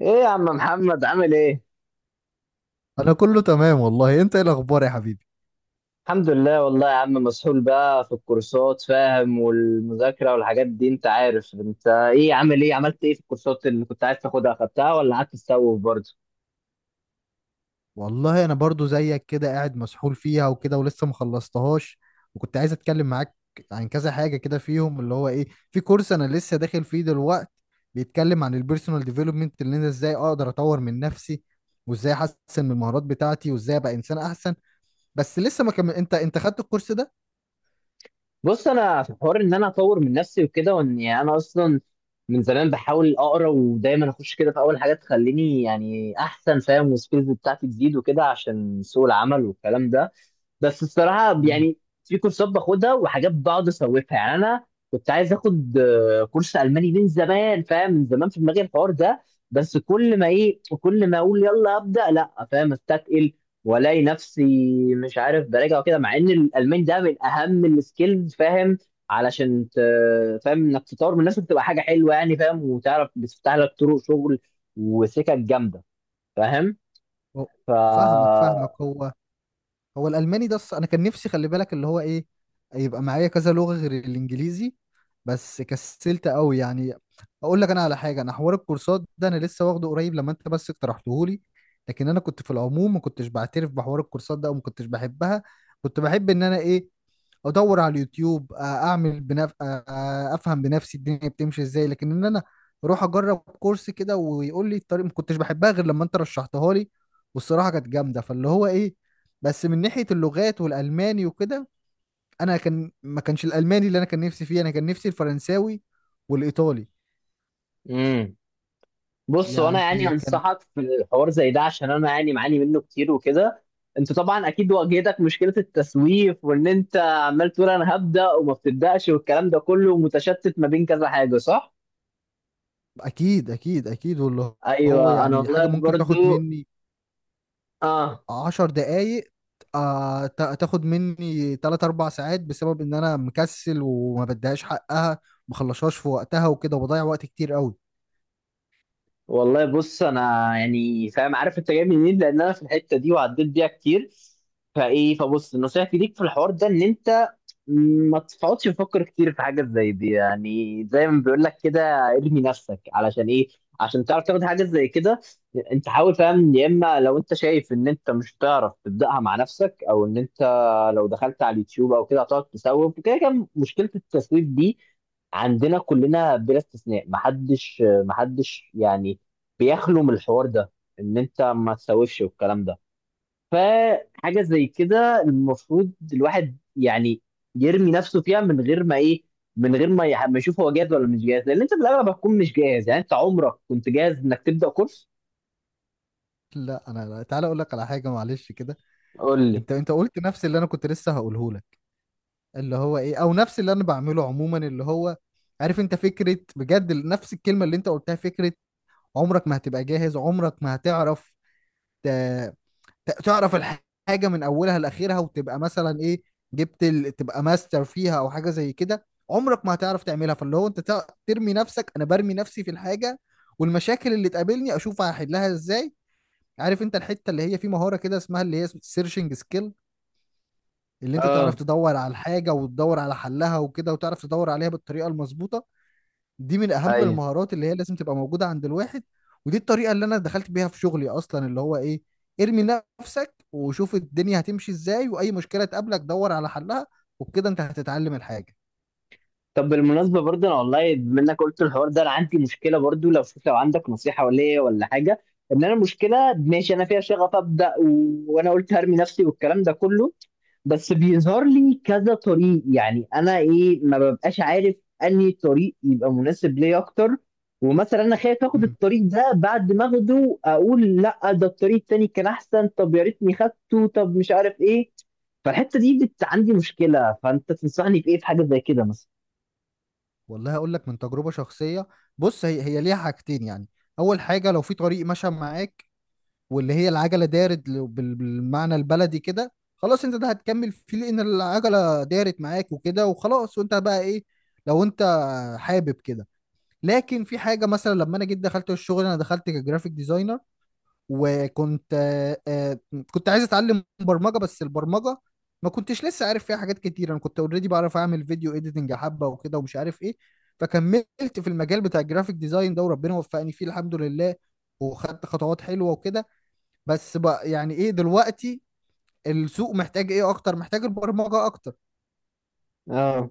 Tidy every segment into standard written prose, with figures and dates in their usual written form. ايه يا عم محمد عامل ايه؟ انا كله تمام والله. انت ايه الاخبار يا حبيبي؟ الحمد لله والله يا عم، مسحول بقى في الكورسات، فاهم؟ والمذاكرة والحاجات دي انت عارف. انت ايه؟ عامل ايه؟ عملت ايه في الكورسات اللي كنت عايز تاخدها؟ اخدتها ولا قعدت تسوف برضه؟ والله انا برضو زيك كده، قاعد مسحول فيها وكده ولسه مخلصتهاش. وكنت عايز اتكلم معاك عن كذا حاجة كده فيهم، اللي هو ايه، في كورس انا لسه داخل فيه دلوقتي بيتكلم عن البيرسونال ديفلوبمنت، اللي انا ازاي اقدر اطور من نفسي وازاي احسن من المهارات بتاعتي وازاي ابقى انسان احسن. بس لسه ما كمل. انت خدت الكورس ده؟ بص، انا في حوار ان انا اطور من نفسي وكده، وان يعني انا اصلا من زمان بحاول اقرا، ودايما اخش كده في اول حاجه تخليني يعني احسن، فاهم؟ والسكيلز بتاعتي تزيد وكده عشان سوق العمل والكلام ده. بس الصراحه مم. يعني في كورسات باخدها وحاجات بقعد اسوفها. يعني انا كنت عايز اخد كورس الماني من زمان، فاهم؟ من زمان في دماغي الحوار ده. بس كل ما ايه، كل ما اقول يلا ابدا، لا، فاهم، استثقل والاقي نفسي مش عارف براجع وكده، مع ان الالماني ده من اهم السكيلز، فاهم؟ علشان فاهم انك تطور من نفسك تبقى حاجه حلوه يعني، فاهم؟ وتعرف بتفتح لك طرق شغل وسكك جامده، فاهم؟ هو- ف فاهمك فاهمك. هو هو الالماني ده، انا كان نفسي، خلي بالك، اللي هو ايه، يبقى معايا كذا لغه غير الانجليزي، بس كسلت قوي يعني. اقول لك انا على حاجه، انا حوار الكورسات ده انا لسه واخده قريب لما انت بس اقترحته لي. لكن انا كنت في العموم ما كنتش بعترف بحوار الكورسات ده وما كنتش بحبها. كنت بحب ان انا ايه، ادور على اليوتيوب، اعمل افهم بنفسي الدنيا بتمشي ازاي. لكن ان انا اروح اجرب كورس كده ويقول لي الطريق ما كنتش بحبها غير لما انت رشحتها لي. والصراحه كانت جامده، فاللي هو ايه. بس من ناحيه اللغات والالماني وكده، انا كان ما كانش الالماني اللي انا كان نفسي فيه، انا كان نفسي الفرنساوي والايطالي. امم. بص، وانا يعني يعني كان انصحك في الحوار زي ده، عشان انا يعني معاني منه كتير وكده. انت طبعا اكيد واجهتك مشكله التسويف، وان انت عمال تقول انا هبدا وما بتبداش، والكلام ده كله متشتت ما بين كذا حاجه، صح؟ اكيد اكيد اكيد. واللي هو ايوه انا يعني والله حاجه ممكن تاخد برضو. مني اه. عشر دقايق، تاخد مني تلات أربع ساعات بسبب إن أنا مكسل وما بديهاش حقها، مخلصهاش في وقتها وكده وبضيع وقت كتير قوي. والله بص، انا يعني فاهم، عارف انت جاي منين، لان انا في الحته دي وعديت بيها كتير. فايه، فبص، نصيحتي ليك في الحوار ده ان انت ما تقعدش تفكر كتير في حاجة زي دي. يعني زي ما بيقول لك كده، ارمي نفسك علشان ايه؟ عشان تعرف تاخد حاجة زي كده. انت حاول، فاهم؟ يا اما لو انت شايف ان انت مش هتعرف تبدأها مع نفسك، او ان انت لو دخلت على اليوتيوب او كده هتقعد تسوف وكده. كان مشكلة التسويف دي عندنا كلنا بلا استثناء، محدش يعني بيخلو من الحوار ده، ان انت ما تسوفش والكلام ده. فحاجة زي كده المفروض الواحد يعني يرمي نفسه فيها من غير ما ايه، من غير ما يشوف هو جاهز ولا مش جاهز، لان انت في الاغلب هتكون مش جاهز. يعني انت عمرك كنت جاهز انك تبدأ كورس؟ لا أنا لا. تعالى أقول لك على حاجة معلش كده. قول لي. أنت قلت نفس اللي أنا كنت لسه هقوله لك، اللي هو إيه، أو نفس اللي أنا بعمله عموما، اللي هو، عارف أنت فكرة، بجد نفس الكلمة اللي أنت قلتها، فكرة عمرك ما هتبقى جاهز، عمرك ما هتعرف تعرف الحاجه من اولها لاخرها وتبقى مثلا ايه، تبقى ماستر فيها او حاجه زي كده. عمرك ما هتعرف تعملها. فاللي هو انت ترمي نفسك. انا برمي نفسي في الحاجه والمشاكل اللي تقابلني اشوف هحلها ازاي. عارف انت الحته اللي هي في مهاره كده اسمها اللي هي سيرشنج سكيل، اللي انت تعرف اه. تدور على الحاجه وتدور على حلها وكده وتعرف تدور عليها بالطريقه المظبوطه. دي من اهم ايوه. المهارات اللي هي لازم تبقى موجوده عند الواحد. ودي الطريقه اللي انا دخلت بيها في شغلي اصلا، اللي هو ايه، ارمي نفسك وشوف الدنيا هتمشي ازاي. واي مشكله تقابلك دور على حلها وبكده انت هتتعلم الحاجه. طب بالمناسبة برضه، أنا والله منك قلت الحوار ده، أنا عندي مشكلة برضه، لو شوف لو عندك نصيحة ولا إيه ولا حاجة. إن أنا المشكلة، ماشي أنا فيها شغف أبدأ وأنا قلت هرمي نفسي والكلام ده كله، بس بيظهر لي كذا طريق. يعني أنا إيه، ما ببقاش عارف أنهي طريق يبقى مناسب ليا أكتر. ومثلا أنا خايف آخد امم الطريق ده، بعد ما آخده أقول لأ، ده الطريق التاني كان أحسن، طب يا ريتني خدته، طب مش عارف إيه. عندي مشكلة، فأنت تنصحني بإيه في حاجة زي كده مثلا؟ والله هقول لك من تجربه شخصيه. بص هي ليها حاجتين يعني. اول حاجه لو في طريق مشى معاك، واللي هي العجله دارت بالمعنى البلدي كده، خلاص انت ده هتكمل فيه لان العجله دارت معاك وكده وخلاص. وانت بقى ايه، لو انت حابب كده. لكن في حاجه مثلا، لما انا جيت دخلت الشغل انا دخلت كجرافيك ديزاينر، وكنت كنت عايز اتعلم برمجه. بس البرمجه ما كنتش لسه عارف فيها حاجات كتير. انا كنت اوريدي بعرف اعمل فيديو اديتنج حبه وكده ومش عارف ايه. فكملت في المجال بتاع الجرافيك ديزاين ده، وربنا وفقني فيه الحمد لله، وخدت خطوات حلوه وكده. بس بقى يعني ايه دلوقتي، السوق محتاج ايه اكتر؟ محتاج البرمجه اكتر. اه.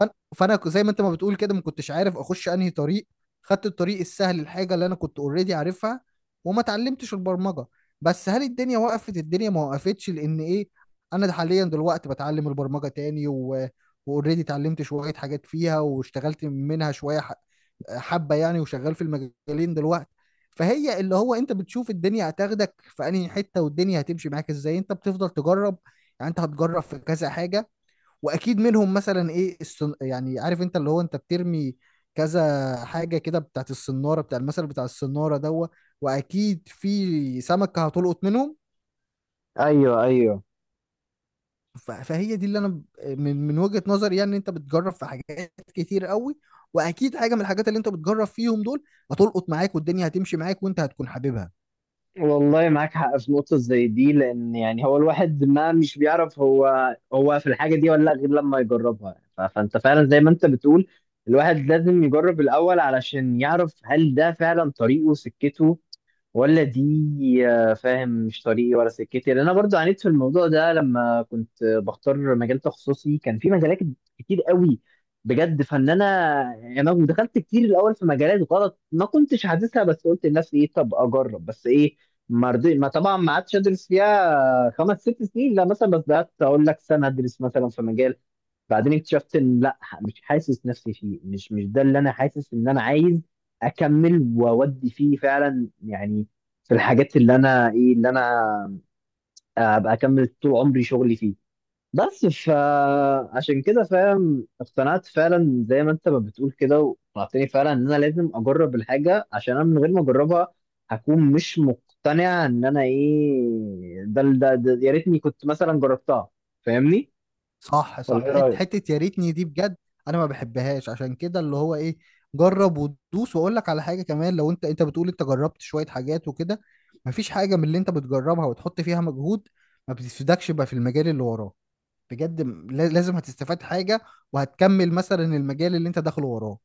زي ما انت ما بتقول كده، ما كنتش عارف اخش انهي طريق. خدت الطريق السهل، الحاجه اللي انا كنت اوريدي عارفها، وما اتعلمتش البرمجه. بس هل الدنيا وقفت؟ الدنيا ما وقفتش، لان ايه، انا حاليا دلوقتي بتعلم البرمجه تاني. واوريدي اتعلمت شويه حاجات فيها واشتغلت منها شويه حبه يعني، وشغال في المجالين دلوقتي. فهي اللي هو انت بتشوف الدنيا هتاخدك في انهي حته والدنيا هتمشي معاك ازاي. انت بتفضل تجرب، يعني انت هتجرب في كذا حاجه، واكيد منهم مثلا ايه يعني عارف انت اللي هو انت بترمي كذا حاجه كده بتاعت الصناره، بتاع المثل بتاع الصناره دوا، واكيد في سمكه هتلقط منهم. ايوه ايوه. فهي دي اللي انا من وجهه نظري يعني. انت بتجرب في حاجات كتير قوي، واكيد حاجه من الحاجات اللي انت بتجرب فيهم دول هتلقط معاك والدنيا هتمشي معاك وانت هتكون حاببها. والله معاك حق في نقطة زي دي، لأن يعني هو الواحد ما مش بيعرف هو هو في الحاجة دي ولا لأ غير لما يجربها. فأنت فعلا زي ما أنت بتقول، الواحد لازم يجرب الأول علشان يعرف هل ده فعلا طريقه، سكته ولا دي. فاهم مش طريقي ولا سكتي، لان انا برضو عانيت في الموضوع ده. لما كنت بختار مجال تخصصي، كان في مجالات كتير قوي بجد. فان انا يعني انا دخلت كتير الاول في مجالات غلط، ما كنتش حاسسها، بس قلت لنفسي ايه، طب اجرب بس ايه، ما رضي ما طبعا ما عادش ادرس فيها خمس ست سنين لا مثلا، بس قعدت اقول لك سنه ادرس مثلا في مجال، بعدين اكتشفت ان لا، مش حاسس نفسي فيه، مش ده اللي انا حاسس ان انا عايز اكمل واودي فيه فعلا. يعني في الحاجات اللي انا ايه، اللي انا ابقى اكمل طول عمري شغلي فيه. بس فعشان كده، فاهم، اقتنعت فعلا زي ما انت ما بتقول كده، واقتنعتني فعلا ان انا لازم اجرب الحاجه، عشان انا من غير ما اجربها هكون مش مقتنع، ان انا ايه، ده يا ريتني كنت مثلا جربتها، فاهمني؟ صح صح. ولا ايه رايك؟ حتة يا ريتني دي بجد. انا ما بحبهاش عشان كده، اللي هو ايه، جرب وتدوس. واقول لك على حاجة كمان، لو انت بتقول انت جربت شوية حاجات وكده، مفيش حاجة من اللي انت بتجربها وتحط فيها مجهود ما بتفيدكش بقى في المجال اللي وراه. بجد لازم هتستفاد حاجة، وهتكمل مثلا المجال اللي انت داخله وراه.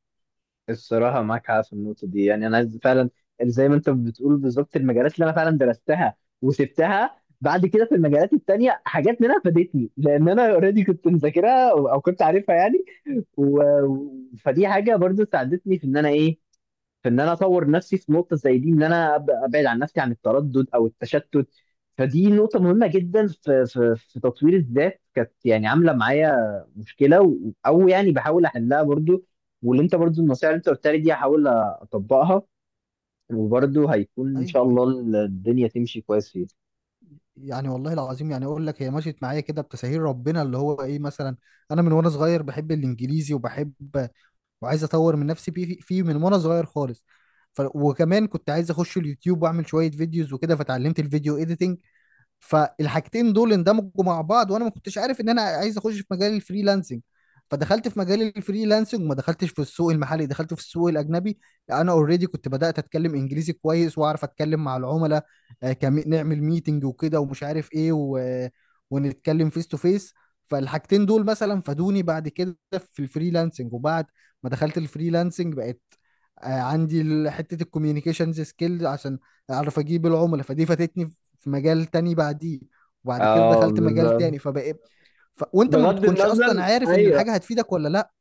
الصراحة معاك حق في النقطة دي. يعني أنا عايز فعلا زي ما أنت بتقول بالظبط، المجالات اللي أنا فعلا درستها وسبتها بعد كده، في المجالات التانية حاجات منها فادتني، لأن أنا أوريدي كنت مذاكرها أو أو كنت عارفها يعني. فدي حاجة برضو ساعدتني في إن أنا إيه، في ان انا اطور نفسي في نقطه زي دي، ان انا ابعد عن نفسي عن التردد او التشتت. فدي نقطه مهمه جدا في تطوير الذات، كانت يعني عامله معايا مشكله او يعني بحاول احلها برضو. واللي انت برضو النصيحه اللي انت قلتها لي دي هحاول اطبقها، وبرضو هيكون ان شاء ايوه أيوة. الله الدنيا تمشي كويس فيها. يعني والله العظيم، يعني اقول لك، هي مشيت معايا كده بتساهيل ربنا، اللي هو ايه مثلا، انا من وانا صغير بحب الانجليزي وبحب وعايز اطور من نفسي فيه من وانا صغير خالص. وكمان كنت عايز اخش اليوتيوب واعمل شويه فيديوز وكده فتعلمت الفيديو اديتنج. فالحاجتين دول اندمجوا مع بعض، وانا ما كنتش عارف ان انا عايز اخش في مجال الفريلانسنج. فدخلت في مجال الفريلانسنج وما دخلتش في السوق المحلي، دخلت في السوق الاجنبي. انا اوريدي كنت بدات اتكلم انجليزي كويس واعرف اتكلم مع العملاء، نعمل ميتنج وكده ومش عارف ايه ونتكلم فيس تو فيس. فالحاجتين دول مثلا فادوني بعد كده في الفريلانسنج. وبعد ما دخلت الفريلانسنج بقت عندي حته الكوميونيكيشنز سكيل عشان اعرف اجيب العملاء، فدي فاتتني في مجال تاني بعديه. وبعد كده آه دخلت مجال تاني بالظبط. فبقى وانت ما بغض بتكونش اصلا النظر، عارف ان ايوه الحاجة هتفيدك ولا لا.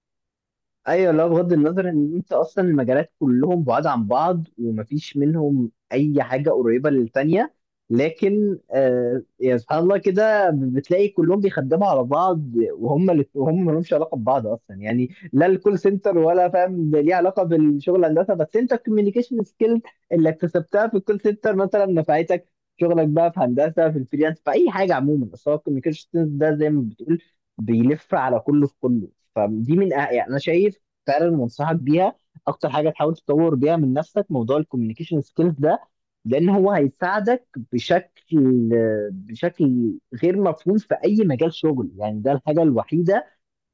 ايوه، لا بغض النظر ان انت اصلا المجالات كلهم بعاد عن بعض ومفيش منهم اي حاجه قريبه للتانيه، لكن آه يا سبحان الله كده بتلاقي كلهم بيخدموا على بعض، وهم وهم ما لهمش علاقه ببعض اصلا. يعني لا الكول سنتر ولا فاهم ده ليه علاقه بالشغل الهندسه، بس انت الكوميونيكيشن سكيلز اللي اكتسبتها في الكول سنتر مثلا نفعتك في شغلك بقى في هندسه، في الفريلانس، في اي حاجه عموما. بس هو الكوميونيكيشن ده زي ما بتقول بيلف على كله في كله. فدي من يعني انا شايف فعلا وانصحك بيها، اكتر حاجه تحاول تطور بيها من نفسك موضوع الكوميونيكيشن سكيلز ده، لان هو هيساعدك بشكل بشكل غير مفهوم في اي مجال شغل. يعني ده الحاجه الوحيده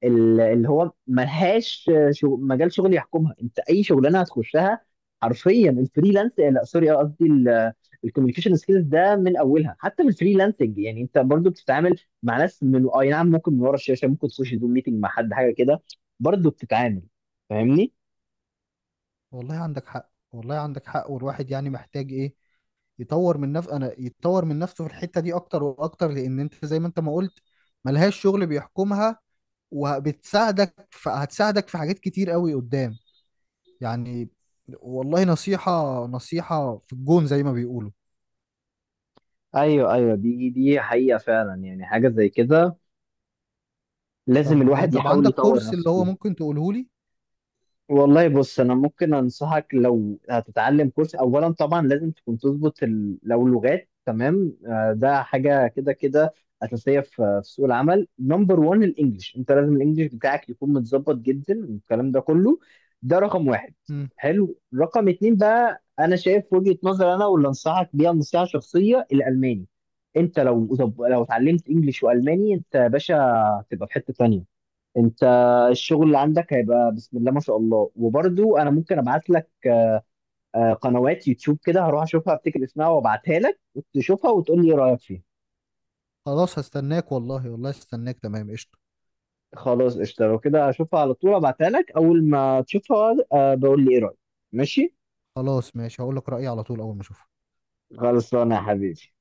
اللي هو ملهاش مجال شغل يحكمها، انت اي شغلانه هتخشها حرفيا. الفريلانس، لا سوري، قصدي الكوميونيكيشن سكيلز ده، من اولها حتى في الفريلانسنج يعني انت برضو بتتعامل مع ناس من اي نعم، ممكن من ورا الشاشه، ممكن تخش زوم ميتنج مع حد حاجه كده، برضو بتتعامل، فاهمني؟ والله عندك حق، والله عندك حق. والواحد يعني محتاج ايه، يطور من نفسه، انا يطور من نفسه في الحتة دي اكتر واكتر، لان انت زي ما انت ما قلت، ملهاش شغل بيحكمها وبتساعدك. هتساعدك في حاجات كتير قوي قدام يعني. والله نصيحة نصيحة في الجون زي ما بيقولوا. ايوه ايوه. دي حقيقه فعلا. يعني حاجه زي كده لازم طب الواحد طب، يحاول عندك يطور كورس نفسه اللي هو فيها. ممكن تقوله لي؟ والله بص، انا ممكن انصحك لو هتتعلم كورس، اولا طبعا لازم تكون تظبط لو لغات تمام، ده حاجه كده كده اساسيه في سوق العمل. نمبر 1 الانجليش، انت لازم الانجليش بتاعك يكون متظبط جدا والكلام ده كله، ده رقم واحد. حلو، رقم اتنين بقى انا شايف وجهه نظر انا واللي انصحك بيها نصيحه شخصيه: الالماني. انت لو لو اتعلمت انجليش والماني، انت يا باشا هتبقى في حته تانيه. انت الشغل اللي عندك هيبقى بسم الله ما شاء الله. وبرضو انا ممكن ابعت لك قنوات يوتيوب كده، هروح اشوفها افتكر اسمها وابعتها لك وتشوفها وتقول لي إيه رايك فيها. خلاص هستناك، والله والله هستناك، تمام قشطة. خلاص قشطه، لو كده اشوفها على طول ابعتها لك، اول ما تشوفها بقول لي ايه رايك. ماشي. خلاص ماشي، هقول لك رأيي على طول أول ما أشوفه. خلصانه يا حبيبي.